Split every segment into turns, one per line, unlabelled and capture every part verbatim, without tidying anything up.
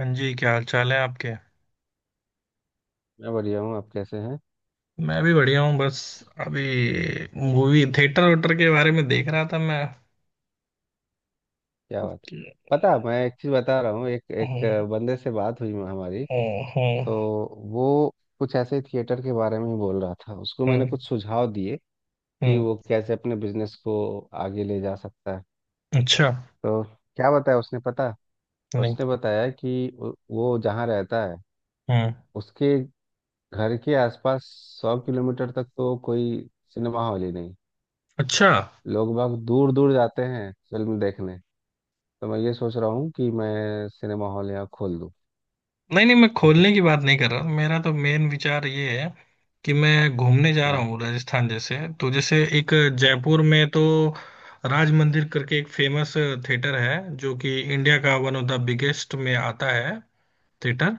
हाँ जी, क्या हाल चाल है आपके।
मैं बढ़िया हूँ। आप कैसे हैं?
मैं भी बढ़िया हूँ। बस अभी मूवी थिएटर वेटर के बारे में देख रहा था मैं
क्या बात।
कि-
पता, मैं एक चीज़ बता रहा हूँ। एक एक
हम्म।
बंदे से बात हुई हमारी,
हम्म।
तो वो कुछ ऐसे ही थिएटर के बारे में ही बोल रहा था। उसको मैंने
हम्म।
कुछ सुझाव दिए कि
हम्म।
वो कैसे अपने बिजनेस को आगे ले जा सकता है।
अच्छा।
तो क्या बताया उसने पता?
नहीं।
उसने बताया कि वो वो जहाँ रहता है
हम्म।
उसके घर के आसपास सौ किलोमीटर तक तो कोई सिनेमा हॉल ही नहीं।
अच्छा।
लोग बाग दूर दूर जाते हैं फिल्म देखने। तो मैं ये सोच रहा हूँ कि मैं सिनेमा हॉल यहाँ खोल दूँ।
नहीं नहीं, मैं खोलने की बात नहीं कर रहा। मेरा तो मेन विचार ये है कि मैं घूमने जा रहा
अ,
हूँ राजस्थान। जैसे तो जैसे एक जयपुर में तो राज मंदिर करके एक फेमस थिएटर है, जो कि इंडिया का वन ऑफ द बिगेस्ट में आता है थिएटर।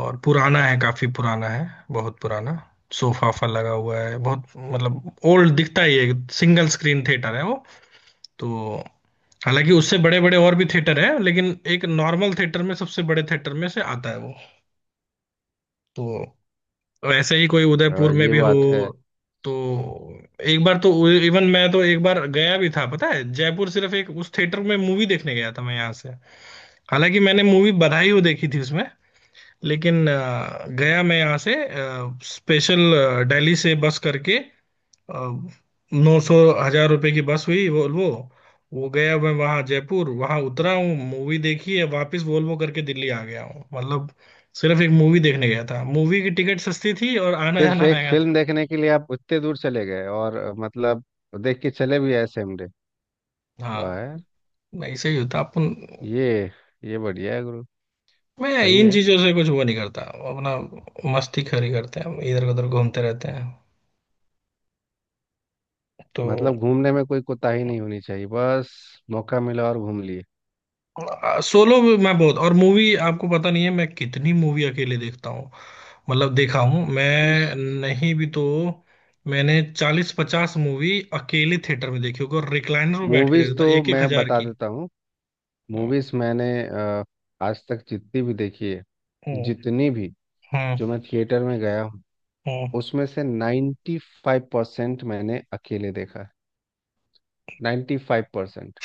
और पुराना है, काफी पुराना है, बहुत पुराना। सोफा वोफा लगा हुआ है बहुत, मतलब ओल्ड दिखता ही है। सिंगल स्क्रीन थिएटर है वो। तो हालांकि उससे बड़े बड़े और भी थिएटर है, लेकिन एक नॉर्मल थिएटर में सबसे बड़े थिएटर में से आता है वो। तो ऐसे ही कोई
अ,
उदयपुर में
ये
भी हो।
बात है।
तो एक बार तो इवन मैं तो एक बार गया भी था, पता है, जयपुर सिर्फ एक उस थिएटर में मूवी देखने गया था मैं यहाँ से। हालांकि मैंने मूवी बधाई हो देखी थी उसमें, लेकिन अ, गया मैं यहाँ से स्पेशल दिल्ली से बस करके। नौ सौ हजार रुपए की बस हुई वोल्वो। वो, गया मैं वहाँ जयपुर, वहाँ उतरा हूँ, मूवी देखी है, वापस वोल्वो करके दिल्ली आ गया हूँ। मतलब सिर्फ एक मूवी देखने गया था। मूवी की टिकट सस्ती थी और आना
सिर्फ
जाना
एक
महंगा था।
फिल्म देखने के लिए आप उतने दूर चले गए और अ, मतलब देख के चले भी आए सेम डे। वाह
हाँ,
यार।
मैं ऐसे ही होता अपन।
ये ये बढ़िया है गुरु।
मैं
सही
इन
है।
चीजों से कुछ वो नहीं करता। अपना मस्ती खरी करते हैं, इधर उधर घूमते रहते हैं। तो
मतलब घूमने में कोई कोताही नहीं होनी चाहिए, बस मौका मिला और घूम लिए।
सोलो मैं बहुत, और मूवी आपको पता नहीं है मैं कितनी मूवी अकेले देखता हूँ, मतलब देखा हूँ
मूवीज
मैं, नहीं भी तो मैंने चालीस पचास मूवी अकेले थिएटर में देखी होगी और रिक्लाइनर में बैठ के
मूवीज
देखता था,
तो
एक एक
मैं
हजार
बता
की
देता हूँ।
हम्म।
मूवीज मैंने अ, आज तक जितनी भी देखी है, जितनी भी
हम्म।
जो मैं थिएटर में गया हूँ
हम्म।
उसमें से नाइन्टी फाइव परसेंट मैंने अकेले देखा। Ninety five percent.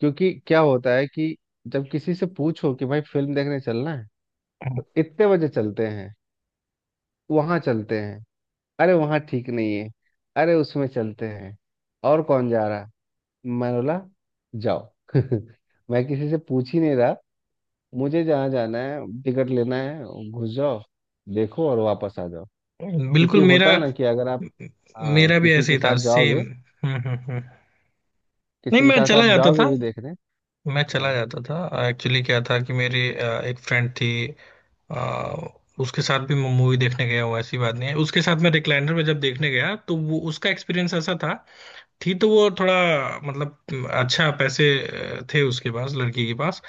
क्योंकि क्या होता है कि जब किसी से पूछो कि भाई फिल्म देखने चलना है,
हम्म।
तो इतने बजे चलते हैं, वहां चलते हैं, अरे वहां ठीक नहीं है, अरे उसमें चलते हैं, और कौन जा रहा है? मैं बोला, जाओ। मैं किसी से पूछ ही नहीं रहा। मुझे जहाँ जाना है टिकट लेना है, घुस जाओ, देखो और वापस आ जाओ। क्योंकि
बिल्कुल। मेरा
होता है ना कि अगर आप, हाँ,
मेरा भी
किसी
ऐसे
के
ही था
साथ
सेम।
जाओगे,
हम्म। हम्म। हम्म। नहीं,
किसी के
मैं
साथ
चला
आप
जाता
जाओगे
था।
भी देखने।
मैं चला
हाँ।
जाता था। एक्चुअली क्या था कि मेरी अ, एक फ्रेंड थी। आ, उसके साथ भी मैं मूवी देखने गया हूँ, ऐसी बात नहीं है। उसके साथ मैं रिक्लाइनर में जब देखने गया तो वो उसका एक्सपीरियंस ऐसा था। थी तो वो थोड़ा, मतलब अच्छा पैसे अ, थे उसके पास, लड़की के पास।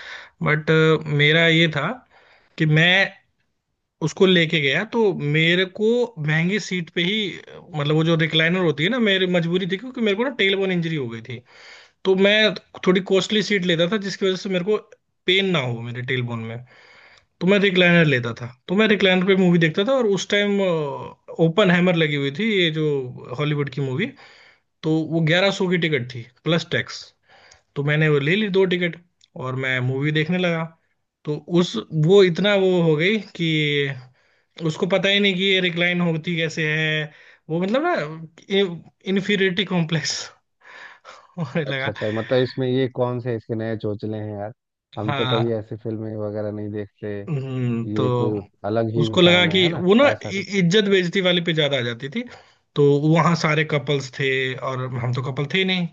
बट मेरा ये था कि मैं उसको लेके गया तो मेरे को महंगी सीट पे ही, अ, मतलब वो जो रिक्लाइनर होती है ना, मेरी मजबूरी थी क्योंकि मेरे को ना टेलबोन इंजरी हो गई थी। तो मैं थोड़ी कॉस्टली सीट लेता था जिसकी वजह से मेरे को पेन ना हो मेरे टेलबोन में। तो मैं रिक्लाइनर लेता था, तो मैं रिक्लाइनर पे मूवी देखता था। और उस टाइम ओपन हैमर लगी हुई थी, ये जो हॉलीवुड की मूवी। तो वो ग्यारह सौ की टिकट थी प्लस टैक्स। तो मैंने वो ले ली दो टिकट और मैं मूवी देखने लगा। तो उस, वो इतना वो हो गई कि उसको पता ही नहीं कि ये रिक्लाइन होती कैसे है। वो मतलब ना इन्फीरियरिटी कॉम्प्लेक्स होने
अच्छा
लगा।
अच्छा, मतलब इसमें ये कौन से इसके नए चोचले हैं यार। हम तो कभी
हाँ।
ऐसी फिल्में वगैरह नहीं देखते।
हम्म। तो
ये कोई अलग ही
उसको लगा
इंसान है
कि
है ना?
वो ना
ऐसा
इ-
कुछ।
इज्जत बेइज्जती वाले पे ज्यादा आ जाती थी। तो वहां सारे कपल्स थे, और हम तो कपल थे ही नहीं।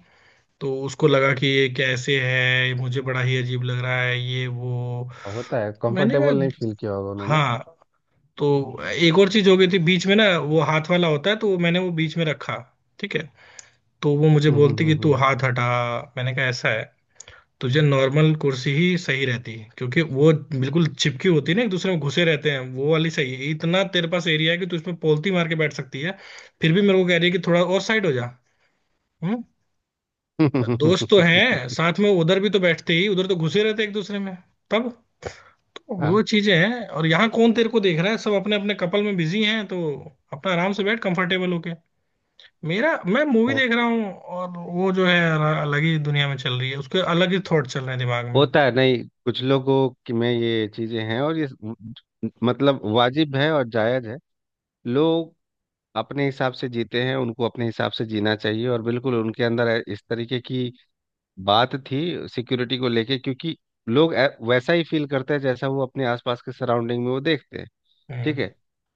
तो उसको लगा कि ये कैसे है, मुझे बड़ा ही अजीब लग रहा है ये वो।
होता है,
मैंने
कंफर्टेबल नहीं
कहा
फील किया होगा उन्होंने।
हाँ। तो एक और चीज हो गई थी, बीच में ना वो हाथ वाला होता है, तो वो मैंने वो बीच में रखा, ठीक है। तो वो मुझे
हम्म,
बोलती
हम्म,
कि तू
हम्म,
हाथ हटा। मैंने कहा ऐसा है, तुझे नॉर्मल कुर्सी ही सही रहती है क्योंकि वो बिल्कुल चिपकी होती है ना, एक दूसरे में घुसे रहते हैं। वो वाली सही है, इतना तेरे पास एरिया है कि तू इसमें पोलती मार के बैठ सकती है। फिर भी मेरे को कह रही है कि थोड़ा और साइड हो जा। हम्म। दोस्त तो हैं
हम्म।
साथ में उधर भी, तो बैठते ही उधर तो घुसे रहते हैं एक दूसरे में तब। तो
हाँ।
वो चीजें हैं, और यहाँ कौन तेरे को देख रहा है, सब अपने अपने कपल में बिजी हैं। तो अपना आराम से बैठ कंफर्टेबल होके। मेरा, मैं मूवी
हो।
देख रहा हूँ और वो जो है अलग ही दुनिया में चल रही है, उसके अलग ही थॉट चल रहे हैं दिमाग में।
होता है, नहीं, कुछ लोगों की में ये चीजें हैं, और ये मतलब वाजिब है और जायज है। लोग अपने हिसाब से जीते हैं, उनको अपने हिसाब से जीना चाहिए, और बिल्कुल उनके अंदर इस तरीके की बात थी सिक्योरिटी को लेके। क्योंकि लोग ऐ- वैसा ही फील करते हैं जैसा वो अपने आसपास के सराउंडिंग में वो देखते हैं। ठीक
हम्म।
है।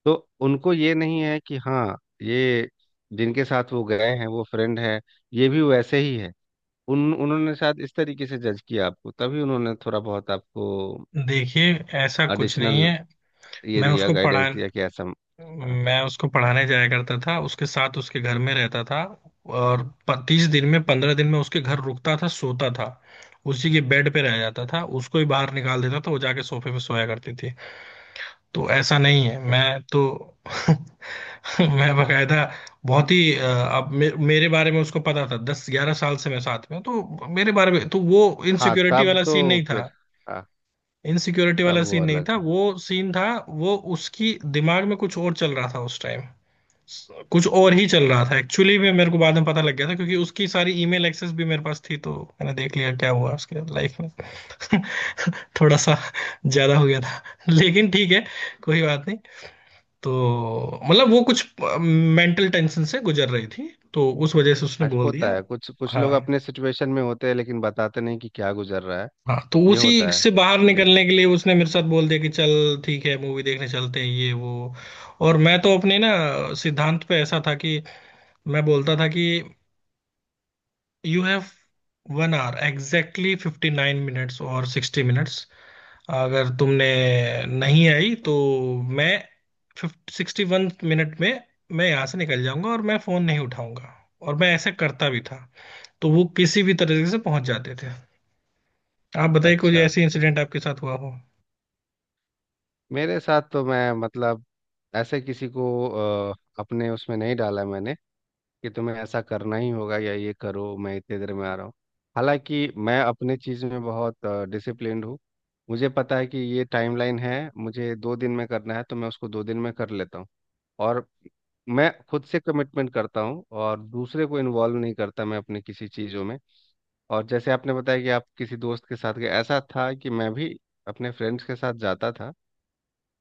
तो उनको ये नहीं है कि हाँ ये जिनके साथ वो गए हैं वो फ्रेंड है, ये भी वैसे ही है। उन उन्होंने शायद इस तरीके से जज किया आपको, तभी उन्होंने थोड़ा बहुत आपको
देखिए, ऐसा कुछ
एडिशनल
नहीं है।
ये
मैं
दिया,
उसको पढ़ा,
गाइडेंस दिया कि ऐसा। हाँ।
मैं उसको पढ़ाने जाया करता था, उसके साथ उसके घर में रहता था। और तीस दिन में पंद्रह दिन में उसके घर रुकता था, सोता था, उसी के बेड पे रह जाता था, उसको ही बाहर निकाल देता था, वो जाके सोफे पे सोया करती थी। तो ऐसा नहीं है मैं तो। मैं बकायदा बहुत ही अ, अब मे, मेरे बारे में उसको पता था, दस ग्यारह साल से मैं साथ में हूं, तो मेरे बारे में तो वो
हाँ,
इनसिक्योरिटी
तब
वाला सीन
तो
नहीं था।
फिर। हाँ,
इनसिक्योरिटी
तब
वाला
वो
सीन नहीं
अलग
था
है।
वो। सीन था वो, उसकी दिमाग में कुछ और चल रहा था उस टाइम। कुछ और ही चल रहा था एक्चुअली में, मेरे को बाद में पता लग गया था क्योंकि उसकी सारी ईमेल एक्सेस भी मेरे पास थी। तो मैंने देख लिया क्या हुआ उसके लाइफ में। थोड़ा सा ज्यादा हो गया था, लेकिन ठीक है, कोई बात नहीं। तो मतलब वो कुछ मेंटल टेंशन से गुजर रही थी, तो उस वजह से उसने
अच्छा,
बोल
होता
दिया।
है, कुछ कुछ
हाँ।
लोग अपने सिचुएशन में होते हैं लेकिन बताते नहीं कि क्या गुजर रहा है।
हाँ, तो
ये
उसी
होता है।
से बाहर
ये
निकलने के लिए उसने मेरे साथ बोल दिया कि चल ठीक है, मूवी देखने चलते हैं, ये वो। और मैं तो अपने ना सिद्धांत पे ऐसा था कि मैं बोलता था कि you have one hour, exactly fifty nine minutes और सिक्सटी मिनट्स। अगर तुमने नहीं आई तो मैं सिक्सटी वन मिनट में मैं यहाँ से निकल जाऊंगा और मैं फोन नहीं उठाऊंगा। और मैं ऐसे करता भी था। तो वो किसी भी तरीके से पहुंच जाते थे। आप बताइए कोई
अच्छा।
ऐसी इंसिडेंट आपके साथ हुआ हो।
मेरे साथ तो, मैं मतलब ऐसे किसी को अ, अपने उसमें नहीं डाला मैंने कि तुम्हें ऐसा करना ही होगा या ये करो, मैं इतने देर में आ रहा हूँ। हालांकि मैं अपने चीज़ में बहुत डिसिप्लिन्ड हूँ। मुझे पता है कि ये टाइमलाइन है, मुझे दो दिन में करना है तो मैं उसको दो दिन में कर लेता हूँ। और मैं खुद से कमिटमेंट करता हूँ और दूसरे को इन्वॉल्व नहीं करता मैं अपने किसी चीज़ों में। और जैसे आपने बताया कि आप किसी दोस्त के साथ गए, ऐसा था कि मैं भी अपने फ्रेंड्स के साथ जाता था।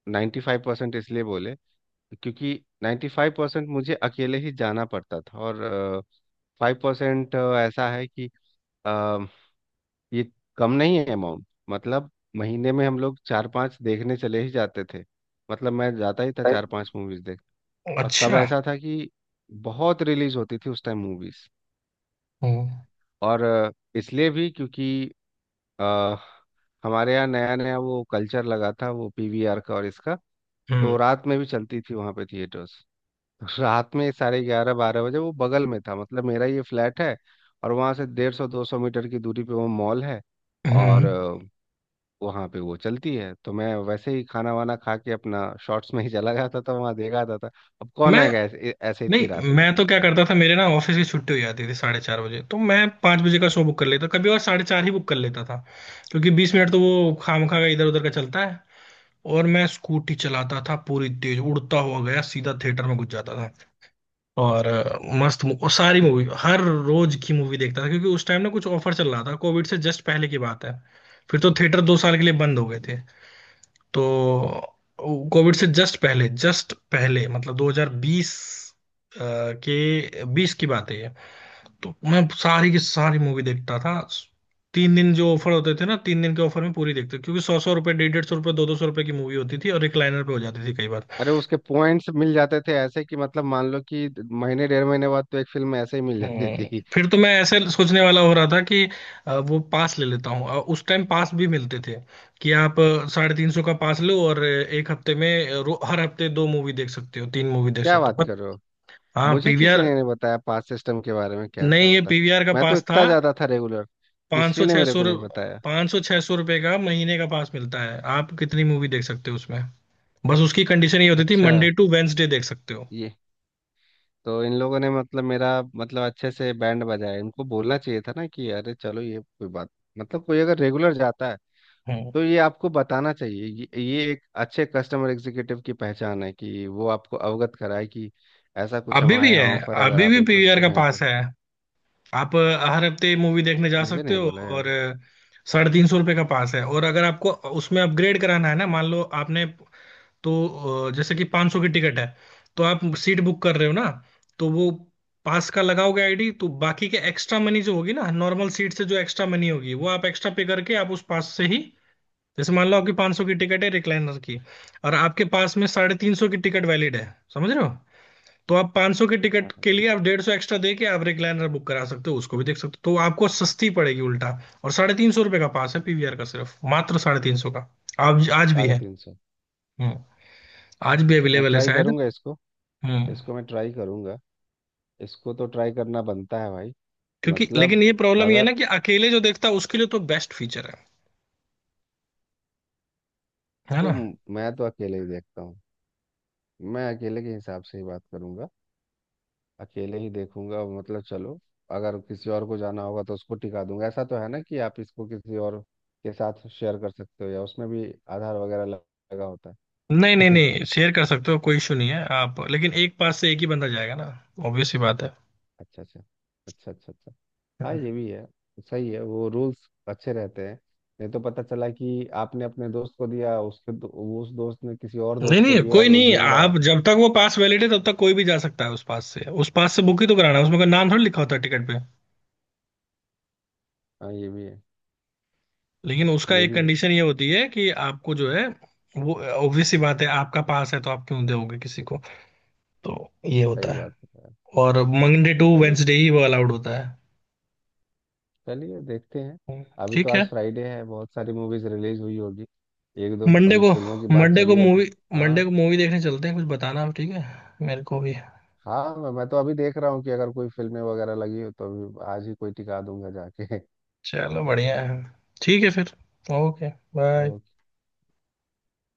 नाइन्टी फाइव परसेंट इसलिए बोले क्योंकि नाइन्टी फाइव परसेंट मुझे अकेले ही जाना पड़ता था, और फाइव परसेंट ऐसा है कि अ, ये कम नहीं है अमाउंट, मतलब महीने में हम लोग चार पांच देखने चले ही जाते थे। मतलब मैं जाता ही था चार पांच मूवीज देख। और तब
अच्छा।
ऐसा था कि बहुत रिलीज होती थी उस टाइम मूवीज।
हम्म।
और अ, इसलिए भी क्योंकि आ, हमारे यहाँ नया नया वो कल्चर लगा था वो पी वी आर का और इसका। तो
हम्म।
रात में भी चलती थी वहाँ पे थिएटर्स। रात में साढ़े ग्यारह बारह बजे वो बगल में था, मतलब मेरा ये फ्लैट है और वहाँ से डेढ़ सौ दो सौ मीटर की दूरी पे वो मॉल है। और
हम्म।
अ, वहाँ पे वो चलती है, तो मैं वैसे ही खाना वाना खा के अपना शॉर्ट्स में ही चला जाता था, तो वहाँ देखा जाता था। अब कौन
मैं,
आएगा ऐसे ऐसे इतनी
नहीं
रात में।
मैं तो क्या करता था, मेरे ना ऑफिस की छुट्टी हो जाती थी साढ़े चार बजे, तो मैं पाँच बजे का शो बुक कर लेता कभी, और साढ़े चार ही बुक कर लेता था क्योंकि बीस मिनट तो वो खामखा का इधर उधर का चलता है। और मैं स्कूटी चलाता था पूरी तेज उड़ता हुआ गया सीधा थिएटर में घुस जाता था। और अ, मस्त मु- और सारी मूवी, हर रोज की मूवी देखता था क्योंकि उस टाइम ना कुछ ऑफर चल रहा था। कोविड से जस्ट पहले की बात है, फिर तो थिएटर दो साल के लिए बंद हो गए थे। तो कोविड से जस्ट पहले, जस्ट पहले मतलब दो हज़ार बीस, अ, के बीस की बात है ये। तो मैं सारी की सारी मूवी देखता था, तीन दिन जो ऑफर होते थे ना तीन दिन के ऑफर में पूरी देखते क्योंकि सौ सौ रुपए, डेढ़ डेढ़ सौ रुपए, दो दो सौ रुपए की मूवी होती थी और रिक्लाइनर पे हो जाती थी कई बार।
अरे उसके पॉइंट्स मिल जाते थे ऐसे कि मतलब मान लो कि महीने डेढ़ महीने बाद तो एक फिल्म ऐसे ही मिल जाती
हम्म,
थी।
फिर तो मैं ऐसे सोचने वाला हो रहा था कि अ, वो पास ले लेता हूँ, अ, उस टाइम पास भी मिलते थे कि आप अ, साढ़े तीन सौ का पास लो और अ, एक हफ्ते में अ, रो- हर हफ्ते दो मूवी देख सकते हो, तीन मूवी देख
क्या
सकते
बात
हो।
कर रहे हो।
हाँ,
मुझे किसी
पीवीआर।
ने नहीं बताया पास सिस्टम के बारे में कैसे
नहीं, ये
होता है।
पीवीआर का
मैं तो
पास था।
इतना ज्यादा था रेगुलर।
पाँच सौ
किसी ने
छह
मेरे
सौ
को नहीं बताया।
पाँच सौ छह सौ रुपये का महीने का पास मिलता है, आप कितनी मूवी देख सकते हो उसमें। बस उसकी कंडीशन ये होती थी,
अच्छा।
मंडे टू वेंसडे देख सकते हो।
ये तो इन लोगों ने मतलब मेरा मतलब अच्छे से बैंड बजाया। इनको बोलना चाहिए था ना कि अरे चलो ये कोई बात, मतलब कोई अगर रेगुलर जाता है
हम्म।
तो ये आपको बताना चाहिए। ये, ये एक अच्छे कस्टमर एग्जीक्यूटिव की पहचान है कि वो आपको अवगत कराए कि ऐसा कुछ
अभी
हमारे
भी
यहाँ
है,
ऑफर है, अगर
अभी
आप
भी पीवीआर
इंटरेस्टेड
का
हैं
पास
तो।
है। आप अ, हर हफ्ते मूवी देखने जा
मुझे
सकते
नहीं
हो।
बोला यार।
और अ, साढ़े तीन सौ रुपये का पास है। और अगर आपको उसमें अपग्रेड कराना है ना, मान लो आपने, तो अ, जैसे कि पाँच सौ की टिकट है, तो आप सीट बुक कर रहे हो ना, तो वो पास का लगाओगे आईडी, तो बाकी के एक्स्ट्रा मनी जो होगी ना, नॉर्मल सीट से जो एक्स्ट्रा मनी होगी वो आप एक्स्ट्रा पे करके आप उस पास से ही। जैसे मान लो आपकी पाँच सौ की टिकट है रिक्लाइनर की, और आपके पास में साढ़े तीन सौ की टिकट वैलिड है, समझ रहे हो। तो आप पाँच सौ की टिकट
हाँ, हाँ।
के लिए आप डेढ़ सौ एक्स्ट्रा दे के आप रिक्लाइनर बुक करा सकते हो, उसको भी देख सकते हो, तो आपको सस्ती पड़ेगी उल्टा। और साढ़े तीन सौ रुपये का पास है पीवीआर का, सिर्फ मात्र साढ़े तीन सौ का। आज आज भी
साढ़े
है।
तीन सौ
हम्म। आज भी
मैं
अवेलेबल है
ट्राई
शायद।
करूंगा इसको।
हम्म।
इसको मैं ट्राई करूंगा। इसको तो ट्राई करना बनता है भाई।
क्योंकि
मतलब,
लेकिन ये प्रॉब्लम ये है ना
अगर,
कि अकेले जो देखता है उसके लिए तो बेस्ट फीचर है है
तो
ना।
म- मैं तो अकेले ही देखता हूँ। मैं अकेले के हिसाब से ही बात करूंगा, अकेले ही देखूंगा। मतलब चलो, अगर किसी और को जाना होगा तो उसको टिका दूंगा। ऐसा तो है ना कि आप इसको किसी और के साथ शेयर कर सकते हो, या उसमें भी आधार वगैरह लग- लगा होता है?
नहीं नहीं नहीं, शेयर कर सकते हो कोई इशू नहीं है आप, लेकिन एक पास से एक ही बंदा जाएगा ना, ऑब्वियस ही बात है।
अच्छा अच्छा अच्छा। अच्छा अच्छा। हाँ,
हम्म।
ये भी है। सही है, वो रूल्स अच्छे रहते हैं। नहीं तो पता चला कि आपने अपने दोस्त को दिया, उसके दो, उस दोस्त ने किसी और
नहीं
दोस्त को
नहीं,
दिया
कोई
और वो
नहीं,
घूम रहा है।
आप जब तक वो पास वैलिड है तब तक कोई भी जा सकता है उस पास से, उस पास से बुक ही तो कराना है, उसमें कोई नाम थोड़ी लिखा होता है टिकट पे।
हाँ, ये भी है।
लेकिन उसका
ये
एक
भी है।
कंडीशन ये होती है कि आपको जो है वो ऑब्वियस ही बात है, आपका पास है तो आप क्यों दोगे किसी को। तो ये
सही
होता है।
बात है यार।
और मंडे टू
चलिए,
वेंसडे ही वो अलाउड होता है।
चलिए देखते हैं।
हम्म।
अभी तो
ठीक है।
आज फ्राइडे है, बहुत सारी मूवीज रिलीज हुई होगी। एक दो
मंडे
अभी
को,
फिल्मों की बात
मंडे को
चली है तो,
मूवी, मंडे
हाँ,
को मूवी देखने चलते हैं कुछ बताना आप, ठीक है, मेरे को भी।
हाँ, मैं मैं तो अभी देख रहा हूँ कि अगर कोई फिल्में वगैरह लगी हो तो अभी आज ही कोई टिका दूंगा जाके।
चलो बढ़िया है। ठीक है फिर। ओके। बाय।